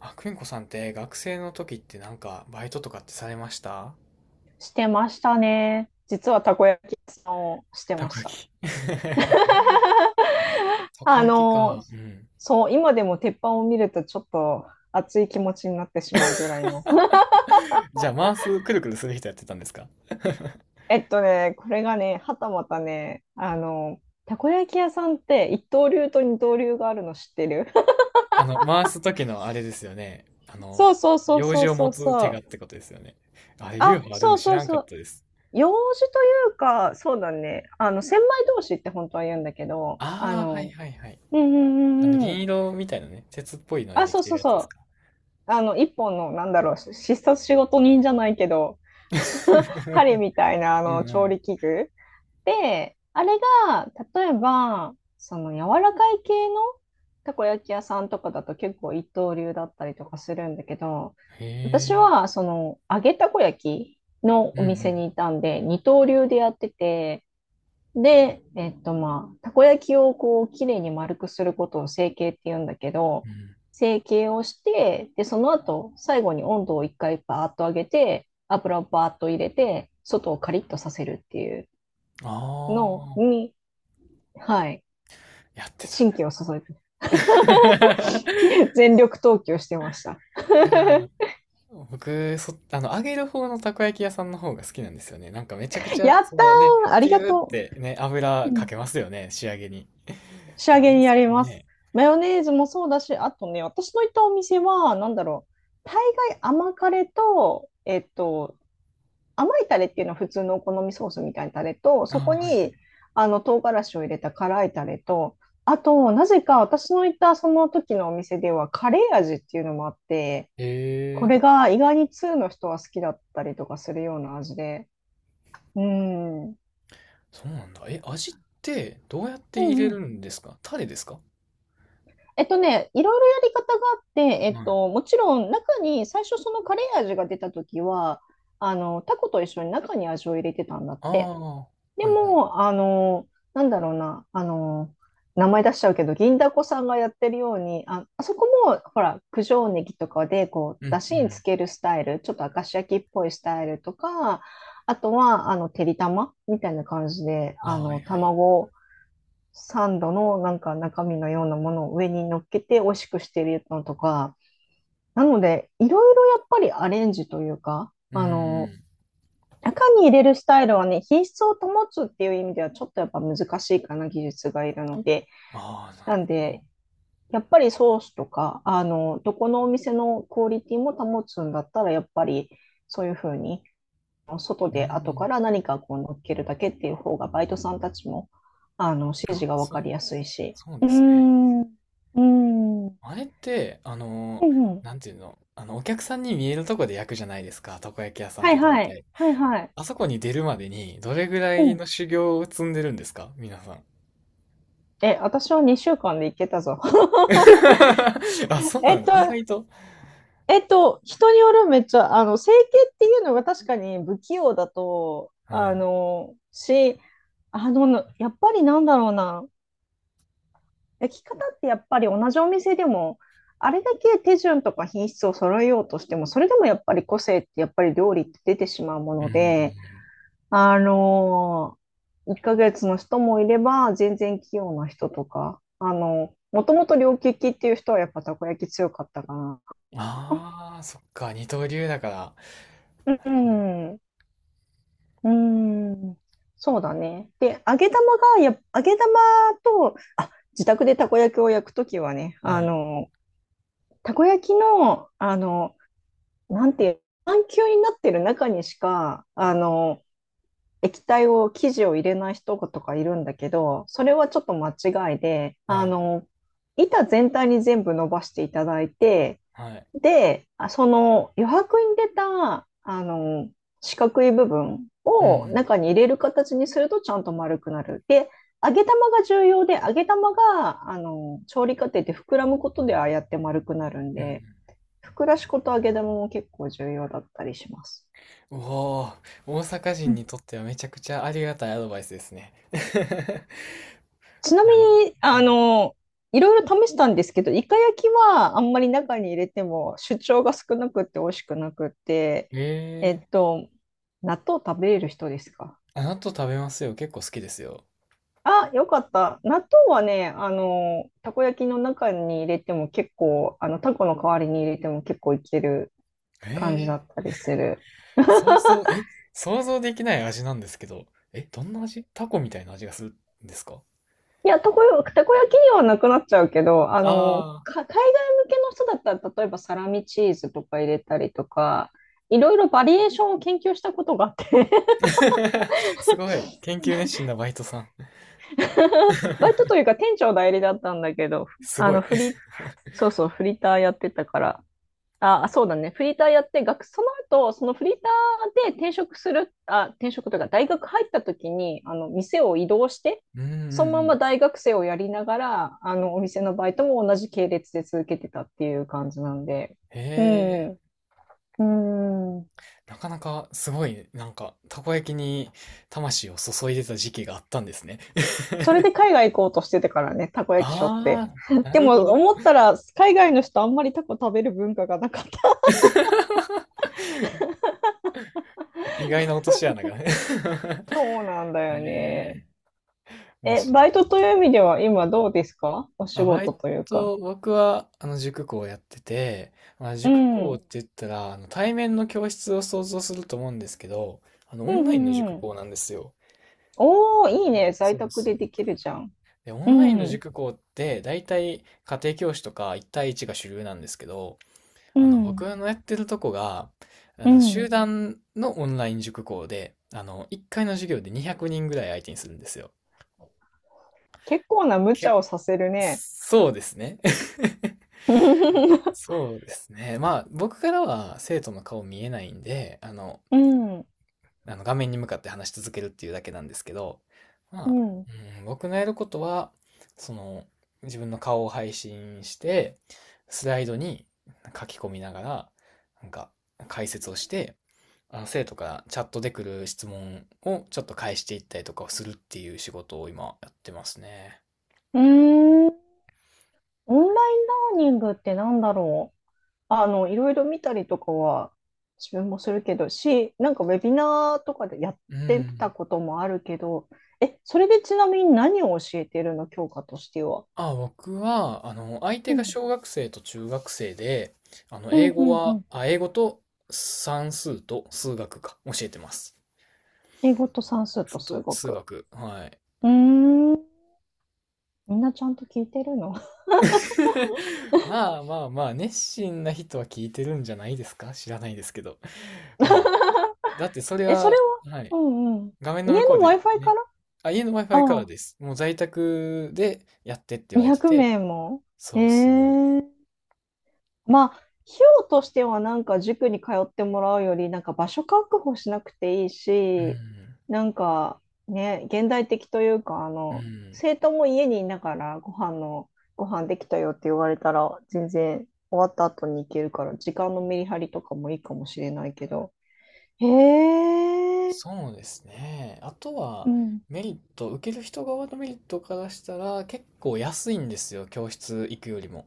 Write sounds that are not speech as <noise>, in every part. あ、くんこさんって学生の時ってなんかバイトとかってされました？してましたね。実はたこ焼き屋さんをしてたまこした。焼き。<laughs> <laughs> たこあ焼きの、か。うん。そう、今でも鉄板を見るとちょっと熱い気持ちになってしまうぐらいの。<laughs> じゃあ回す、くるくるする人やってたんですか？これがね、はたまたね、たこ焼き屋さんって一刀流と二刀流があるの知ってる？ <laughs> あの、回す時のあれですよね。あの、そうそうそう用そ事うをそ持うつそ手がっう。てことですよね。あれ、流あ、派あるそのう知そうらんかっそう。たです。用事というか、そうだね。千枚通しって本当は言うんだけど、ああ、はいはいはい。うんうあの、んう銀ん、色みたいなね、鉄っぽいのであ、できそうてそるうやつでそすう。か？ 一本の、なんだろう、必殺仕事人じゃないけど、<laughs> 針 <laughs> みたいな、うん調う理器具。で、あれが、例えば、その、柔らかい系のたこ焼き屋さんとかだと結構一刀流だったりとかするんだけど、ん。へ私え。は、その、揚げたこ焼きのうんおう店ん。にいたんで、二刀流でやってて、で、まあ、たこ焼きをこう、きれいに丸くすることを成形って言うんだけうど、ん。成形をして、で、その後、最後に温度を一回バーッと上げて、油をバーッと入れて、外をカリッとさせるっていうあのあ、に、はい、やってた神ね。経を注いで、<laughs> <laughs> 全力投球してました。いやー、僕、あの、揚げる方のたこ焼き屋さんの方が好きなんですよね。なんかめちゃく <laughs> ちゃ、やっそのね、たー、ありピがューっとてね、う。油うかん。けますよね、仕上げに。い仕上や、あれげでにやすりよます。ね。マヨネーズもそうだし、あとね、私の行ったお店は、なんだろう、大概甘カレと、甘いタレっていうのは普通のお好みソースみたいなタレと、ああ、そこはいはい。にあの唐辛子を入れた辛いタレと、あと、なぜか私の行ったその時のお店ではカレー味っていうのもあって、へこえ、れが意外に通の人は好きだったりとかするような味で。うん。うんそうなんだ。え、味ってどうやってう入れるん。んですか？タレですか？いろいろやり方があって、はい。もちろん中に最初そのカレー味が出た時は、タコと一緒に中に味を入れてたんだっあて。あ、はでいはい。も、なんだろうな、名前出しちゃうけど、銀だこさんがやってるように、あ、あそこも、ほら、九条ネギとかで、こう、うだんしうにつん。けるスタイル、ちょっと明石焼きっぽいスタイルとか、あとは、てりたまみたいな感じで、ああ、はいはい。卵サンドのなんか中身のようなものを上に乗っけて美味しくしてるのとか、なので、いろいろやっぱりアレンジというか、うん。中に入れるスタイルはね、品質を保つっていう意味ではちょっとやっぱ難しいかな、技術がいるので。ああ、なるなんほで、ど。やっぱりソースとか、どこのお店のクオリティも保つんだったら、やっぱりそういうふうに、外うで後ん。から何かこう乗っけるだけっていう方が、バイトさんたちも、指示あ、がわそかう、りやすいし。そううーですね。ん、うーん、うんあれって、あうのー、ん、なんていうの、あの、お客さんに見えるとこで焼くじゃないですか、たこ焼き屋さんっはいて大はい、体。はいはい。あそこに出るまでに、どれぐらういん。の修行を積んでるんですか、皆さん？え、私は2週間で行けたぞ。<laughs> <laughs> あ、そうえなんっだ。と、意外と。人によるめっちゃ、整形っていうのが確かに不器用だと、はあい。の、し、あの、やっぱりなんだろうな、焼き方ってやっぱり同じお店でも、あれだけ手順とか品質を揃えようとしても、それでもやっぱり個性ってやっぱり料理って出てしまうもうん、ので、うあの、1ヶ月の人もいれば、全然器用な人とか、もともと両利きっていう人はやっぱたこ焼き強かったかな。ん。ああ、そっか、二刀流だから。うん。うーん、そうだね。で、揚げ玉と、あ、自宅でたこ焼きを焼くときはね、はい、たこ焼きの、なんていう、半球になってる中にしか、液体を、生地を入れない人とかいるんだけど、それはちょっと間違いで、はい、板全体に全部伸ばしていただいて、はい。で、あその余白に出た、四角い部分うをん、中に入れる形にするとちゃんと丸くなる。で、揚げ玉が重要で、揚げ玉が、調理過程で膨らむことでああやって丸くなるんうん。で、膨らし粉と揚げ玉も結構重要だったりします。おおー、大阪う人ん、にとってはめちゃくちゃありがたいアドバイスですね。<laughs> ちなみやばい。に、はい。いろいろ試したんですけど、イカ焼きはあんまり中に入れても主張が少なくって美味しくなくって、ええっえ、と、納豆食べれる人ですか？納豆食べますよ。結構好きですよ。あ、よかった。納豆はね、たこ焼きの中に入れても結構、タコの代わりに入れても結構いけるえ感じだえ、ったりする。想像、え、想像できない味なんですけど、え、どんな味？タコみたいな味がするんですか？いや、たこ焼きにはなくなっちゃうけど、ああ海外向けの人だったら、例えばサラミチーズとか入れたりとか、いろいろバリエーションを研究したことがあって ー、<laughs> すごい。研究熱心なバイトさん。<laughs> バイトという <laughs> か店長代理だったんだけど、すあごの、い。フリ、そうそう、フリーターやってたから、あ、そうだね。フリーターやって、その後、そのフリーターで転職する、あ、転職というか、大学入った時に、店を移動して、うんうそのんうままん。大学生をやりながら、お店のバイトも同じ系列で続けてたっていう感じなんで。へうえ、ん。うん。なかなかすごいね、なんか、たこ焼きに魂を注いでた時期があったんですね。それで <laughs> 海外行こうとしててからね、たこ焼きしょって。ああ、<laughs> <laughs> なでるほも、ど。思ったら、海外の人あんまりタコ食べる文化がなかった。<laughs> 意外な落とし穴がね。そうなんだ <laughs> へよえ、ね。面え、白バい。イトという意味では今どうですか？お仕あ、バイ事というか。ト、僕は、あの、塾講をやってて、まあ、う塾ん。う講っんて言ったら、あの、対面の教室を想像すると思うんですけど、あの、オうンラインのんう塾ん。講なんですよ。おー、いいね。在そう宅そでう。できるじゃん。で、オうンラインのん。塾講って、大体、家庭教師とか、一対一が主流なんですけど、うあの、ん。僕のやってるとこが、あうの、集ん。団のオンライン塾講で、あの、1回の授業で200人ぐらい相手にするんですよ。結構な無け、茶をさせるね。そうですね。<laughs> そうですね。まあ、僕からは生徒の顔見えないんで、あの、うん。あの画面に向かって話し続けるっていうだけなんですけど、うまあ、ん。うん、僕のやることは、その、自分の顔を配信して、スライドに書き込みながら、なんか、解説をして、あの、生徒からチャットで来る質問をちょっと返していったりとかをするっていう仕事を今やってますね。うーん。オンラインラーニングってなんだろう。いろいろ見たりとかは自分もするけど、なんかウェビナーとかでやっうてたん。こともあるけど、え、それでちなみに何を教えてるの？教科としては。あ、僕は、あの、相手うがん。小学生と中学生で、あの、うん、英う語ん、うは、ん。英語と算数と数学か、教えてます。英語と算数と数と、数学。学。はい。うーん。みんなちゃんと聞いてるの？ <laughs> まあまあまあ、熱心な人は聞いてるんじゃないですか、知らないですけど。まあ、<laughs> だってそれえ、そは、れは？はい。うんうん。画面家の向こうの で Wi-Fi かね。ら？あ、家の Wi-Fi かあらあ、です。もう在宅でやってって言われて200て。名も？えそうそえ、まあ、費用としてはなんか塾に通ってもらうより、なんか場所確保しなくていいう。うし、ん。なんかね、現代的というか、うん。生徒も家にいながらご飯の、ご飯できたよって言われたら、全然終わった後に行けるから、時間のメリハリとかもいいかもしれないけど。へえ、そうですね。あとうは、ん。メリット、受ける人側のメリットからしたら、結構安いんですよ、教室行くよりも。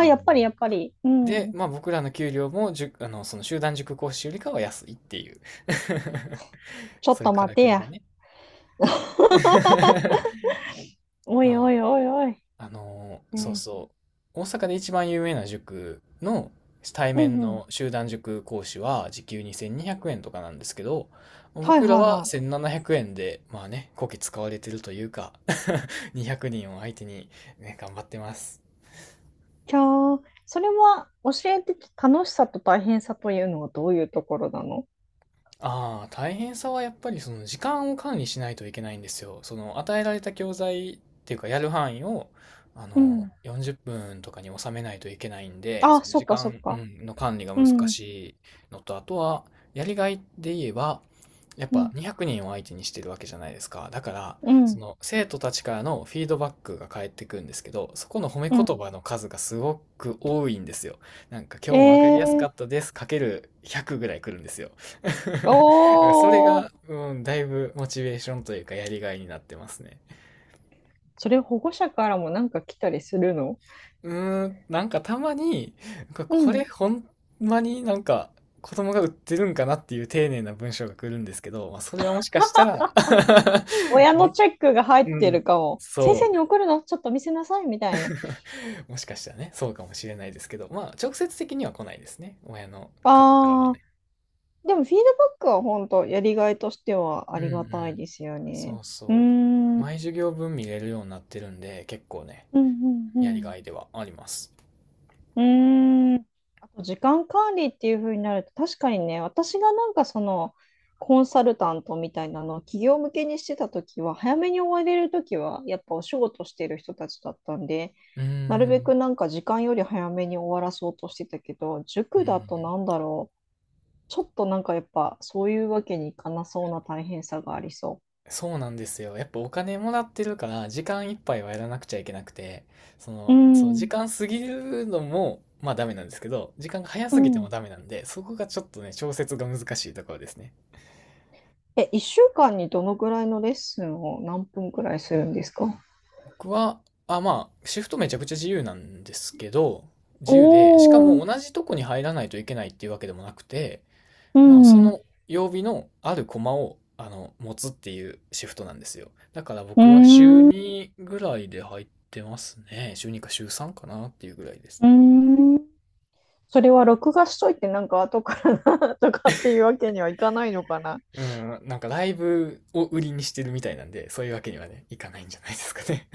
うん、やっぱりやっぱり。うで、ん。まあ僕らの給料も、あの、その集団塾講師よりかは安いっていう。<laughs> ちょっそういとうか待らてくりがや。ね。<laughs> おいおまいおいおい。ああのーそうねえ、そう。大阪で一番有名な塾の対う面んうん。の集団塾講師は時給2200円とかなんですけど、はい僕らはいははい。1700円で、まあね、こき使われてるというか。 <laughs> 200人を相手に、ね、頑張ってます。じゃあ、それは教えて楽しさと大変さというのはどういうところなの？ああ、大変さはやっぱりその時間を管理しないといけないんですよ。その与えられた教材っていうかやる範囲をあうのん。40分とかに収めないといけないんで、あ、そのそっ時かそっ間、うか。んの管理がう難ん。しいのと、あとはやりがいで言えば、やっうぱん。200人を相手にしてるわけじゃないですか。だから、うそん。の生徒たちからのフィードバックが返ってくるんですけど、そこの褒めう言ん。葉の数がすごく多いんですよ。なんか今え日もわかりやすー。かったです、かける100ぐらい来るんですよ。<laughs> それおー。が、うん、だいぶモチベーションというかやりがいになってますね。それ保護者からもなんか来たりするの？うーん、なんかたまに、こうこれん。ほんまになんか子供が売ってるんかなっていう丁寧な文章が来るんですけど、まあ、それはもしかしたら。 親 <laughs> のね、チェックが入っうてん、るかも。先生そに送るのちょっと見せなさいみたいな。う、もしかしたらね、そうかもしれないですけど、まあ直接的には来ないですね。親の方からはあ、ね。でもフィードバックは本当やりがいとしてはうあんうりがん。たいですよそね。ううーそう。ん。う毎ん授業分見れるようになってるんで、結構ね、うやりんがいではあります。うん。うーん。あと時間管理っていう風になると確かにね、私がなんかそのコンサルタントみたいなのを企業向けにしてた時は早めに終われる時はやっぱお仕事してる人たちだったんで、うーなるべくん、なんか時間より早めに終わらそうとしてたけど、う塾ん。だとなんだろう。ちょっとなんかやっぱそういうわけにいかなそうな大変さがありそそうなんですよ。やっぱお金もらってるから、時間いっぱいはやらなくちゃいけなくて、そう。うの、そう、時ん間過ぎるのも、まあダメなんですけど、時間が早うすぎてもん。ダメなんで、そこがちょっとね、調節が難しいところですね。え、1週間にどのぐらいのレッスンを何分くらいするんですか？僕は、まあ、シフトめちゃくちゃ自由なんですけど、自由で、しかおもー、同じとこに入らないといけないっていうわけでもなくて、うまあ、そん、うの曜日のあるコマを、あの、持つっていうシフトなんですよ。だからー僕は週ん、う2ぐらいで入ってますね。週2か週3かなっていうぐらいです。ーん。それは録画しといてなんか後からな <laughs> とかっていうわけにはいかないのかな。うん、なんかライブを売りにしてるみたいなんで、そういうわけにはね、いかないんじゃないですかね。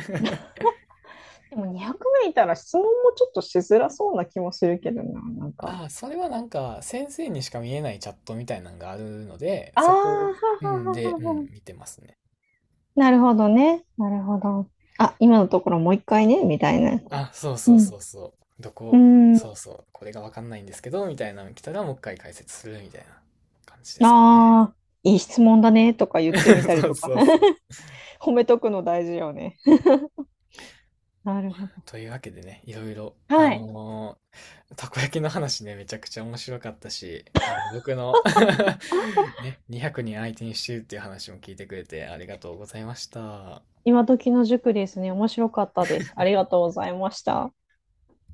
でも200名いたら質問もちょっとしづらそうな気もするけどな、なん <laughs> か。ああ、それはなんか先生にしか見えないチャットみたいなのがあるので、ああはそこ、うんはで、はうはは。ん、見てますね。なるほどね。なるほど。あ、今のところもう一回ね、みたいな。あ、そううそうん。そうそう。どうこ、そん。うそう、これがわかんないんですけど、みたいなの来たらもう一回解説するみたいな感じですかね。ああ、いい質問だねとか言って <laughs> みたりそうとか。そうそう。褒めとくの大事よね。なるほど。というわけでね、いろいろ、あはい。のーたこ焼きの話ね、めちゃくちゃ面白かったし、あの、僕の、 <laughs> ね、200人相手にしてるっていう話も聞いてくれてありがとうございました。今時の塾ですね。面白かったです。ありがとうございました。